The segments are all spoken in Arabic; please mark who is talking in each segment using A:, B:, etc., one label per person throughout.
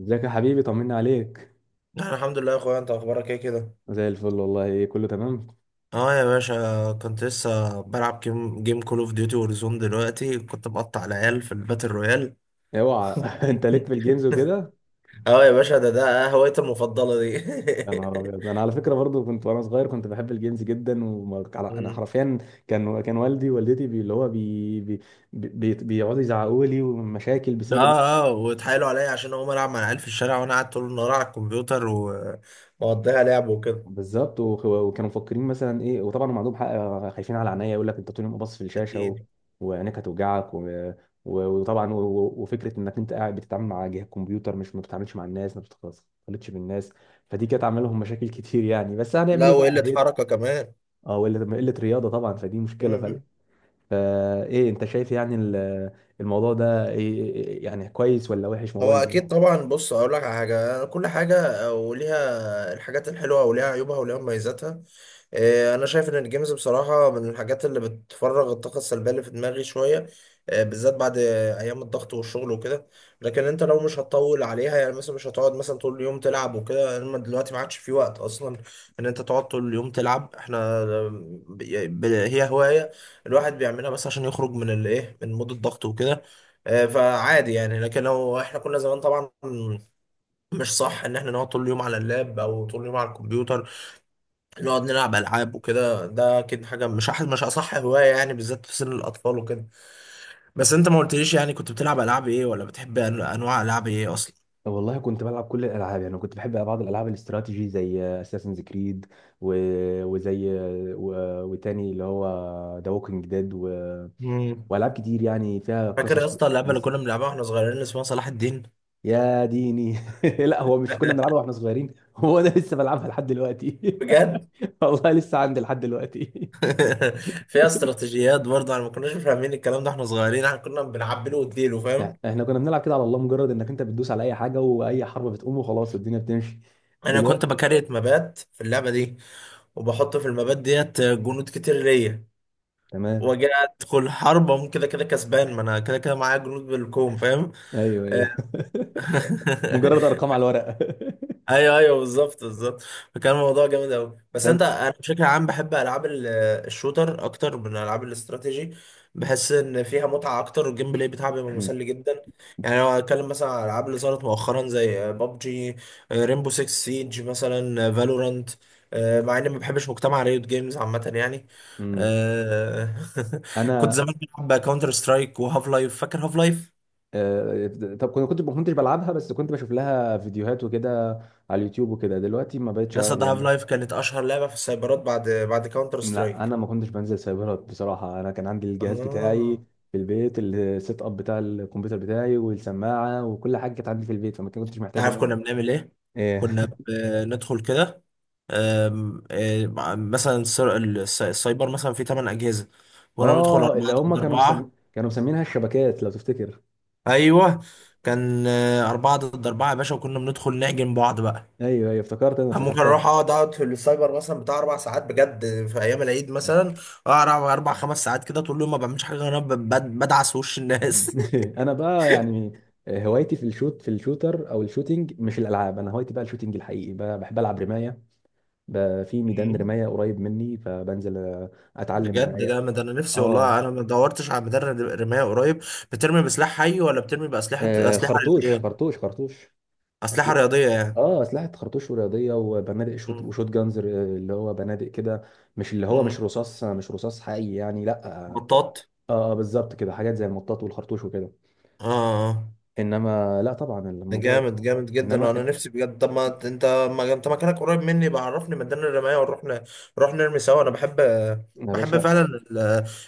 A: ازيك يا حبيبي؟ طمنا عليك.
B: انا الحمد لله يا اخويا، انت اخبارك ايه كده؟
A: زي الفل والله، كله تمام.
B: اه يا باشا، كنت لسه بلعب جيم كول اوف ديوتي وورزون. دلوقتي كنت بقطع العيال في الباتل رويال.
A: اوعى! انت ليك في الجيمز وكده؟
B: اه يا باشا، ده هوايتي المفضله دي.
A: يا نهار ابيض، انا على فكره برضو كنت وانا صغير كنت بحب الجيمز جدا، وانا
B: مم.
A: حرفيا كان والدي ووالدتي بي اللي هو بي بي بي بيقعدوا يزعقوا لي ومشاكل
B: اه،
A: بسبب ان...
B: اه، واتحايلوا عليا عشان اقوم العب مع العيال في الشارع، وانا قاعد طول النهار على الكمبيوتر ومقضيها لعب وكده.
A: بالظبط، وكانوا مفكرين مثلا ايه، وطبعا هم عندهم حق. خايفين على عينيا، يقول لك انت طول اليوم باصص في الشاشه
B: اكيد.
A: وعينيك هتوجعك وطبعا وفكره انك انت قاعد بتتعامل مع جهاز كمبيوتر، مش ما بتتعاملش مع الناس، ما بتختلطش بالناس. فدي كانت عامله لهم مشاكل كتير يعني، بس هنعمل
B: لا،
A: ايه بقى
B: وقله
A: هي.
B: حركه كمان.
A: اه، قلة رياضه طبعا، فدي مشكله
B: مم.
A: فايه انت شايف يعني الموضوع ده إيه... إيه- إيه، يعني كويس ولا وحش موضوع
B: هو
A: الجيم؟
B: اكيد طبعا. بص، اقول لك على حاجه، كل حاجه وليها... الحاجات الحلوه وليها عيوبها وليها مميزاتها. انا شايف ان الجيمز بصراحه من الحاجات اللي بتفرغ الطاقه السلبيه اللي في دماغي شويه. بالذات بعد ايام الضغط والشغل وكده. لكن انت لو مش هتطول عليها يعني، مثلا مش هتقعد مثلا طول اليوم تلعب وكده، انما دلوقتي ما عادش في وقت اصلا ان انت تقعد طول اليوم تلعب. احنا... آه، هي هوايه الواحد بيعملها بس عشان يخرج من الايه، من مود الضغط وكده. فعادي يعني. لكن لو احنا كنا زمان طبعا مش صح ان احنا نقعد طول اليوم على اللاب او طول اليوم على الكمبيوتر نقعد نلعب العاب وكده. ده اكيد حاجه مش اصح هوايه يعني، بالذات في سن الاطفال وكده. بس انت ما قلتليش يعني كنت بتلعب العاب ايه، ولا بتحب انواع العاب ايه اصلا؟
A: والله كنت بلعب كل الالعاب يعني، كنت بحب بعض الالعاب الاستراتيجي زي اساسنز كريد، و... وزي و... وتاني اللي هو ذا ووكينج ديد،
B: مم.
A: والعاب كتير يعني فيها
B: فاكر يا
A: قصص.
B: اسطى اللعبه اللي كنا بنلعبها واحنا صغيرين اللي اسمها صلاح الدين؟
A: يا ديني! لا، هو مش كنا بنلعبها واحنا صغيرين، هو انا لسه بلعبها لحد دلوقتي.
B: بجد؟
A: والله لسه عندي لحد دلوقتي.
B: فيها استراتيجيات برضه، احنا ما كناش فاهمين الكلام ده احنا صغيرين، احنا كنا بنعبله واديله فاهم.
A: يعني احنا كنا بنلعب كده على الله، مجرد انك انت بتدوس على اي حاجه واي حرب بتقوم وخلاص الدنيا بتمشي
B: انا
A: دلوقتي.
B: كنت بكريت مبات في اللعبه دي، وبحط في المبات ديت جنود كتير ليا،
A: تمام.
B: واجي ادخل حرب أقوم كده كده كسبان، ما انا كده كده معايا جنود بالكوم فاهم.
A: ايوه، ايوه. مجرد ارقام على الورق.
B: ايوه، ايوه، بالظبط، بالظبط. فكان الموضوع جامد قوي، بس انت... انا بشكل عام بحب العاب الشوتر اكتر من العاب الاستراتيجي. بحس ان فيها متعه اكتر، والجيم بلاي بتاعها بيبقى
A: فانت
B: مسلي جدا. يعني لو هتكلم مثلا على الالعاب اللي ظهرت مؤخرا زي ببجي، ريمبو 6 سيج مثلا، فالورانت، مع اني ما بحبش مجتمع ريوت جيمز عامه يعني.
A: امم
B: آه، كنت
A: انا
B: زمان بلعب كاونتر سترايك وهاف لايف. فاكر هاف لايف؟
A: آه، طب، كنت ما كنتش بلعبها، بس كنت بشوف لها فيديوهات وكده على اليوتيوب وكده، دلوقتي ما بقتش
B: يا
A: ألعب
B: اسطى هاف
A: يعني.
B: لايف كانت اشهر لعبه في السايبرات بعد كاونتر
A: لا،
B: سترايك.
A: انا ما كنتش بنزل سايبرات بصراحه، انا كان عندي الجهاز
B: اه.
A: بتاعي في البيت، السيت اب بتاع الكمبيوتر بتاعي والسماعه وكل حاجه كانت عندي في البيت، فما كنتش
B: انت
A: محتاج ان
B: عارف
A: انا...
B: كنا بنعمل ايه؟
A: ايه.
B: كنا بندخل كده، آم، آه، مثلا السايبر مثلا فيه 8 اجهزه، وانا بندخل
A: اه، اللي
B: 4
A: هم
B: ضد 4.
A: كانوا مسمينها الشبكات لو تفتكر؟
B: ايوه. كان 4 ضد 4 يا باشا، وكنا بندخل نعجن بعض بقى.
A: ايوه، ايوه، افتكرت، انا
B: أنا ممكن
A: افتكرتها.
B: اروح اقعد في السايبر مثلا بتاع 4 ساعات بجد، في ايام العيد مثلا. اقعد اربع خمس ساعات كده، طول اليوم ما بعملش حاجه غير إن انا بدعس وش الناس.
A: انا بقى يعني هوايتي في الشوتر او الشوتينج، مش الالعاب. انا هوايتي بقى الشوتينج الحقيقي بقى، بحب العب رمايه بقى في ميدان رمايه قريب مني، فبنزل اتعلم
B: بجد
A: رمايه.
B: جامد. انا نفسي والله،
A: اه.
B: انا ما دورتش على مدرب رماية قريب. بترمي بسلاح حي ولا بترمي بأسلحة
A: آه،
B: أسلحة
A: خرطوش
B: رياضية؟
A: خرطوش خرطوش.
B: أسلحة
A: أسل...
B: رياضية يعني.
A: اه، اسلحه خرطوش ورياضيه، وبنادق شوت
B: مم.
A: وشوت جانز اللي هو بنادق كده، مش اللي هو، مش
B: مم.
A: رصاص مش رصاص حقيقي يعني، لا، اه.
B: بطاط.
A: آه، بالظبط كده، حاجات زي المطاط والخرطوش وكده.
B: اه. آه.
A: انما لا، طبعا
B: ده
A: الموضوع...
B: جامد، جامد جدا. انا
A: انما
B: نفسي بجد. طب ما انت... مكانك قريب مني بقى، عرفني ميدان الرماية ونروح نروح نرمي سوا. انا بحب،
A: يا
B: بحب
A: باشا،
B: فعلا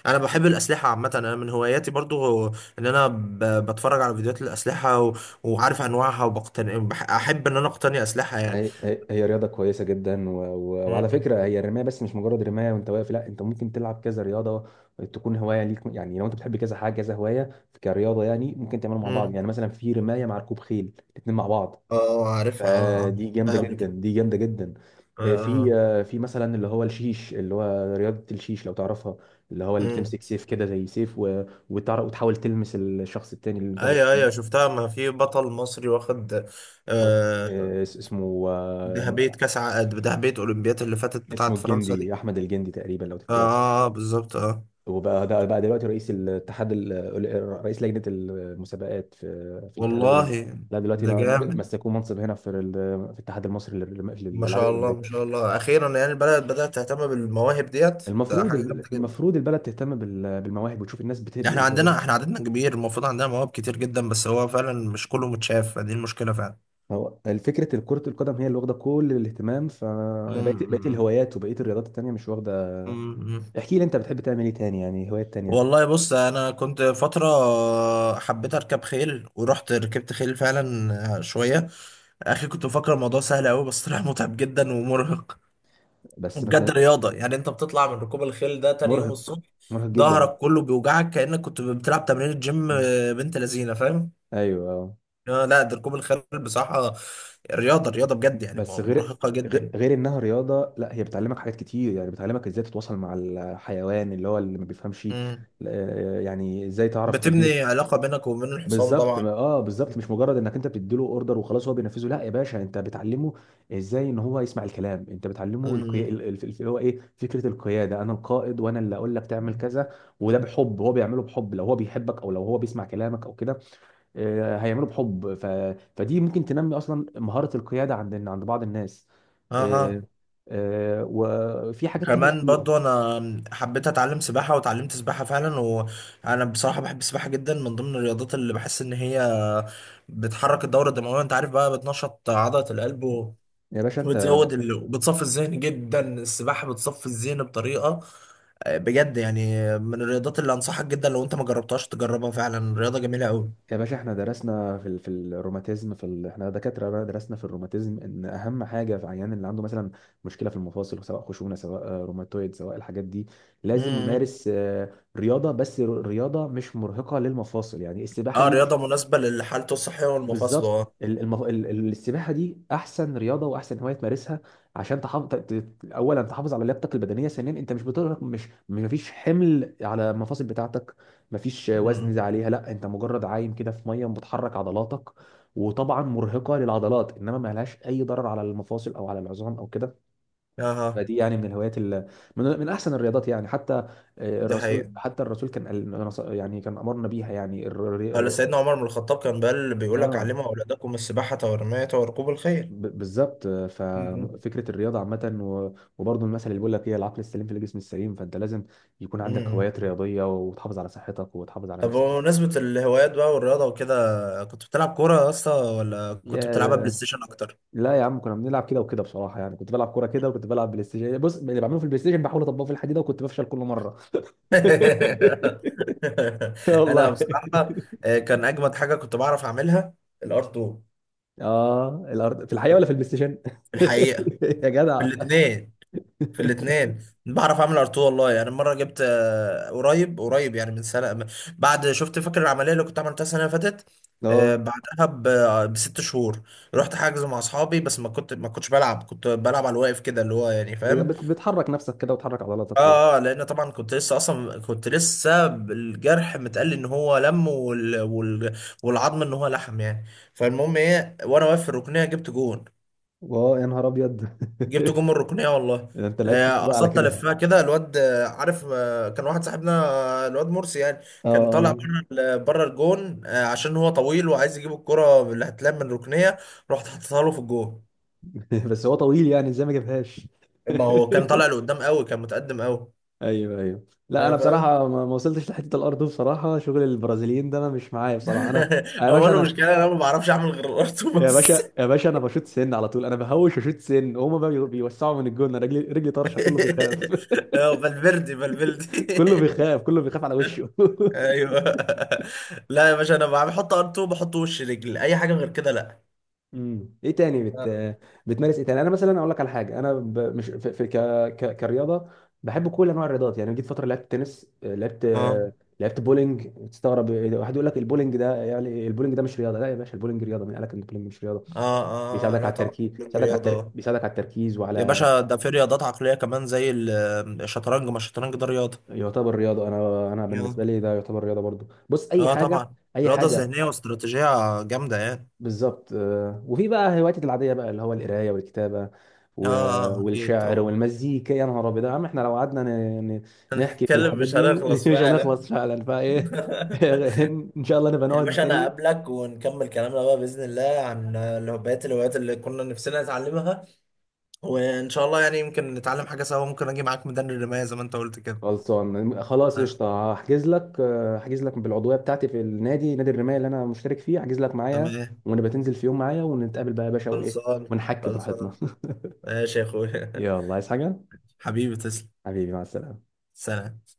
B: انا بحب الاسلحه عامه، انا من هواياتي برضو هو ان انا ب... بتفرج على فيديوهات الاسلحه، و... وعارف انواعها، احب ان انا اقتني اسلحه
A: هي رياضة كويسة جدا، وعلى
B: يعني.
A: فكرة هي الرماية، بس مش مجرد رماية وانت واقف، لا، انت ممكن تلعب كذا رياضة تكون هواية ليك، يعني لو انت بتحب كذا حاجة كذا هواية كرياضة، يعني ممكن تعملها مع بعض.
B: مم.
A: يعني مثلا في رماية مع ركوب خيل، الاتنين مع بعض.
B: اه عارفها، اه اه
A: فدي جامدة
B: شفتها قبل
A: جدا،
B: كده.
A: دي جامدة جدا.
B: اه اه
A: في
B: اه.
A: في مثلا اللي هو الشيش، اللي هو رياضة الشيش لو تعرفها، اللي هو اللي
B: مم.
A: بتمسك سيف كده زي سيف وتعرف وتحاول تلمس الشخص التاني اللي انت بت...
B: ايوه، ايوه شفتها. ما في بطل مصري واخد آه
A: اسمه آه،
B: ذهبية ذهبية اولمبياد اللي فاتت
A: اسمه
B: بتاعت فرنسا دي.
A: الجندي، احمد الجندي تقريبا لو
B: اه
A: تفتكر.
B: بالظبط اه.
A: وبقى ده بقى دلوقتي رئيس الاتحاد رئيس لجنه المسابقات في الاتحاد الاولمبي.
B: والله.
A: لا دلوقتي
B: ده جامد.
A: مسكوه منصب هنا في الاتحاد المصري
B: ما
A: للالعاب
B: شاء الله،
A: الاولمبيه.
B: ما شاء الله، اخيرا يعني البلد بدأت تهتم بالمواهب ديت، ده
A: المفروض،
B: حاجة جامدة جدا.
A: المفروض البلد تهتم بالمواهب وتشوف الناس بتحب الهوايات.
B: احنا عددنا كبير، المفروض عندنا مواهب كتير جدا، بس هو فعلا مش كله متشاف، دي المشكلة فعلا.
A: هو الفكره كره القدم هي اللي واخده كل الاهتمام، فبقيت
B: مم.
A: الهوايات، وبقيت الرياضات التانيه مش واخده.
B: مم.
A: احكي لي، انت بتحب تعمل ايه تاني؟ يعني هوايات تانيه.
B: والله بص، انا كنت فتره حبيت اركب خيل، ورحت ركبت خيل فعلا شويه. اخي كنت مفكر الموضوع سهل قوي، بس طلع متعب جدا ومرهق.
A: بس ما
B: وبجد
A: ت-
B: رياضه يعني، انت بتطلع من ركوب الخيل ده تاني يوم
A: مرهق،
B: الصبح
A: مرهق جدا.
B: ظهرك كله بيوجعك كانك كنت بتلعب تمرين جيم.
A: مم.
B: بنت لذينه فاهم.
A: ايوه. آه.
B: لا، ده ركوب الخيل بصراحه رياضه، رياضه بجد يعني،
A: بس غير
B: مرهقه
A: غير
B: جدا.
A: غير انها رياضه، لا هي بتعلمك حاجات كتير، يعني بتعلمك ازاي تتواصل مع الحيوان اللي هو اللي ما بيفهمش.
B: مم.
A: آه، يعني ازاي تعرف تديله.
B: بتبني علاقه بينك وبين الحصان
A: بالظبط
B: طبعا.
A: ما- اه بالظبط مش مجرد انك انت بتديله اوردر وخلاص هو بينفذه، لا يا باشا، انت بتعلمه ازاي ان هو يسمع الكلام، انت بتعلمه القيا...
B: مم.
A: ال- ال- اللي هو ايه فكره القياده، انا القائد وانا اللي اقول لك تعمل كذا. وده بحب هو بيعمله بحب، لو هو بيحبك او لو هو بيسمع كلامك او كده، آه، هيعمله بحب فدي ممكن تنمي اصلا مهارة القيادة عند بعض الناس. آه،
B: اها.
A: آه، وفي حاجات تانية
B: كمان
A: كتير.
B: برضو انا حبيت اتعلم سباحة، وتعلمت سباحة فعلا، وانا بصراحة بحب السباحة جدا. من ضمن الرياضات اللي بحس ان هي بتحرك الدورة الدموية انت عارف بقى، بتنشط عضلة القلب
A: يا باشا انت...
B: وبتصفي الذهن جدا. السباحة بتصفي الذهن بطريقة بجد يعني. من الرياضات اللي انصحك جدا، لو انت ما جربتهاش تجربها فعلا. رياضة جميلة قوي.
A: يا باشا احنا درسنا في الروماتيزم احنا دكاترة بقى، درسنا في الروماتيزم ان اهم حاجة في عيان اللي عنده مثلا مشكلة في المفاصل، سواء خشونة، سواء روماتويد، سواء الحاجات دي، لازم
B: امم.
A: يمارس رياضة، بس رياضة مش مرهقة للمفاصل، يعني السباحة
B: اه،
A: دي مش...
B: رياضة مناسبة لحالته الصحية والمفاصلة،
A: بالظبط،
B: اه.
A: السباحه دي احسن رياضه واحسن هوايه تمارسها عشان تحافظ اولا تحافظ على لياقتك البدنيه، ثانيا انت مش بتقدر مش، مفيش حمل على المفاصل بتاعتك، مفيش وزن زي
B: مم.
A: عليها، لا، انت مجرد عايم كده في ميه بتحرك عضلاتك، وطبعا مرهقه للعضلات، انما ما لهاش اي ضرر على المفاصل او على العظام او كده.
B: اها.
A: فدي يعني من الهوايات من احسن الرياضات يعني، حتى
B: دي
A: الرسول،
B: حقيقة.
A: كان يعني كان امرنا بيها، يعني
B: قال سيدنا عمر بن الخطاب، كان بيقول لك:
A: اه.
B: علموا أولادكم السباحة والرماية وركوب الخيل.
A: بالظبط،
B: مم.
A: ففكره الرياضه عامه، وبرضه المثل اللي بيقول لك ايه، العقل السليم في الجسم السليم، فانت لازم يكون عندك
B: امم.
A: هوايات رياضيه وتحافظ على صحتك وتحافظ على
B: طب
A: نفسك.
B: بمناسبة الهوايات بقى والرياضة وكده، كنت بتلعب كورة يا اسطى ولا كنت
A: يا
B: بتلعبها بلاي
A: ده-
B: ستيشن أكتر؟
A: لا يا عم، كنا بنلعب كده وكده بصراحه، يعني كنت بلعب كوره كده وكنت بلعب بلاي ستيشن، بص، اللي بعمله في البلاي ستيشن بحاول اطبقه في الحديده، وكنت بفشل كل مره.
B: أنا
A: والله.
B: بصراحة، كان أجمد حاجة كنت بعرف أعملها: الأرض.
A: اه، الارض في الحقيقه ولا في البلاي ستيشن؟
B: الحقيقة.
A: يا
B: في
A: جدع.
B: الاتنين في الاثنين بعرف اعمل ارتو والله، يعني مره جبت قريب قريب يعني من سنه بعد شفت، فاكر العمليه اللي كنت عملتها السنه اللي فاتت؟
A: اه،
B: بعدها ب6 شهور. رحت حاجز مع اصحابي، بس ما كنتش بلعب، كنت بلعب على الواقف كده اللي هو يعني فاهم.
A: بتحرك نفسك كده وتحرك عضلاتك كده.
B: اه لان طبعا كنت لسه الجرح متقل ان هو لم، والعظم ان هو لحم يعني. فالمهم ايه، وانا واقف في الركنيه جبت جون.
A: اه، يا نهار ابيض.
B: جبت جون من الركنيه والله.
A: ده انت لعيب كبير بقى على
B: قصدت
A: كده!
B: الفها كده الواد، عارف، كان واحد صاحبنا، الواد مرسي يعني.
A: اه.
B: كان طالع
A: آه.
B: بره بره الجون، عشان هو طويل وعايز يجيب الكره اللي هتلعب من الركنيه. رحت حطيتها له في الجون.
A: بس هو طويل يعني، ازاي ما جابهاش؟
B: ما هو كان طالع لقدام قوي، كان متقدم قوي.
A: ايوه، ايوه، لا انا
B: ايوه، فاهم.
A: بصراحه ما وصلتش لحته الارض دي بصراحه، شغل البرازيليين ده انا مش معايا بصراحه، انا... يا
B: هو
A: باشا
B: انا
A: انا...
B: المشكله إن انا ما بعرفش اعمل غير الارتو
A: يا
B: بس.
A: باشا يا باشا انا بشوط سن على طول، انا بهوش وشوط سن هما بقى بيوسعوا من الجون، أنا رجلي طرشه، كله بيخاف.
B: فالفيردي، فالفيردي!
A: كله بيخاف، كله بيخاف على وشه.
B: ايوه. لا يا باشا، انا بحط ار2، بحط وش رجل، اي حاجه غير كده لا.
A: ايه تاني بتمارس ايه تاني؟ انا مثلا اقول لك على حاجه، انا ب... مش في, في ك... ك... كرياضه، بحب كل انواع الرياضات. يعني جيت فتره لعبت تنس،
B: اه
A: لعبت بولينج. تستغرب واحد يقول لك البولينج ده؟ يعني البولينج ده مش رياضه؟ لا يا باشا، البولينج رياضه، مين قال لك ان البولينج مش رياضه؟
B: اه اه
A: بيساعدك
B: لا
A: على
B: طبعا،
A: التركيز،
B: من رياضة.
A: بيساعدك على التركيز
B: يا
A: وعلى...
B: باشا، ده في رياضات عقلية كمان زي الشطرنج. ما الشطرنج ده رياضة.
A: يعتبر رياضه، انا بالنسبه
B: اه،
A: لي ده يعتبر رياضه برضو. بص، اي
B: اه
A: حاجه،
B: طبعا.
A: اي
B: رياضة
A: حاجه.
B: ذهنية واستراتيجية جامدة يعني.
A: بالظبط، آه، وفي بقى هواياتي العاديه بقى اللي هو القرايه والكتابه و...
B: اه اكيد
A: والشعر
B: طبعا.
A: والمزيكا. يا نهار ابيض يا عم، احنا لو قعدنا نحكي في
B: اتكلم
A: الحاجات
B: مش
A: دي
B: هنخلص
A: مش
B: فعلا.
A: هنخلص فعلا، فايه. ان شاء الله نبقى
B: يا
A: نقعد
B: باشا انا
A: تاني.
B: هقابلك، ونكمل كلامنا بقى باذن الله عن بقيه الهوايات اللي كنا نفسنا نتعلمها. وان شاء الله يعني يمكن نتعلم حاجه سوا، ممكن اجي معاك ميدان الرمايه زي ما انت قلت كده.
A: خلصان، خلاص
B: آه،
A: قشطه، هحجز لك، هحجز لك بالعضويه بتاعتي في النادي، نادي الرمايه اللي انا مشترك فيه، هحجز لك معايا،
B: تمام.
A: ونبقى تنزل في يوم معايا ونتقابل بقى يا باشا وايه،
B: خلصان،
A: ونحكي براحتنا.
B: خلصان. ماشي يا اخويا.
A: يلا، عايز حاجه؟
B: حبيبي تسلم.
A: حبيبي، مع السلامه.
B: سلام.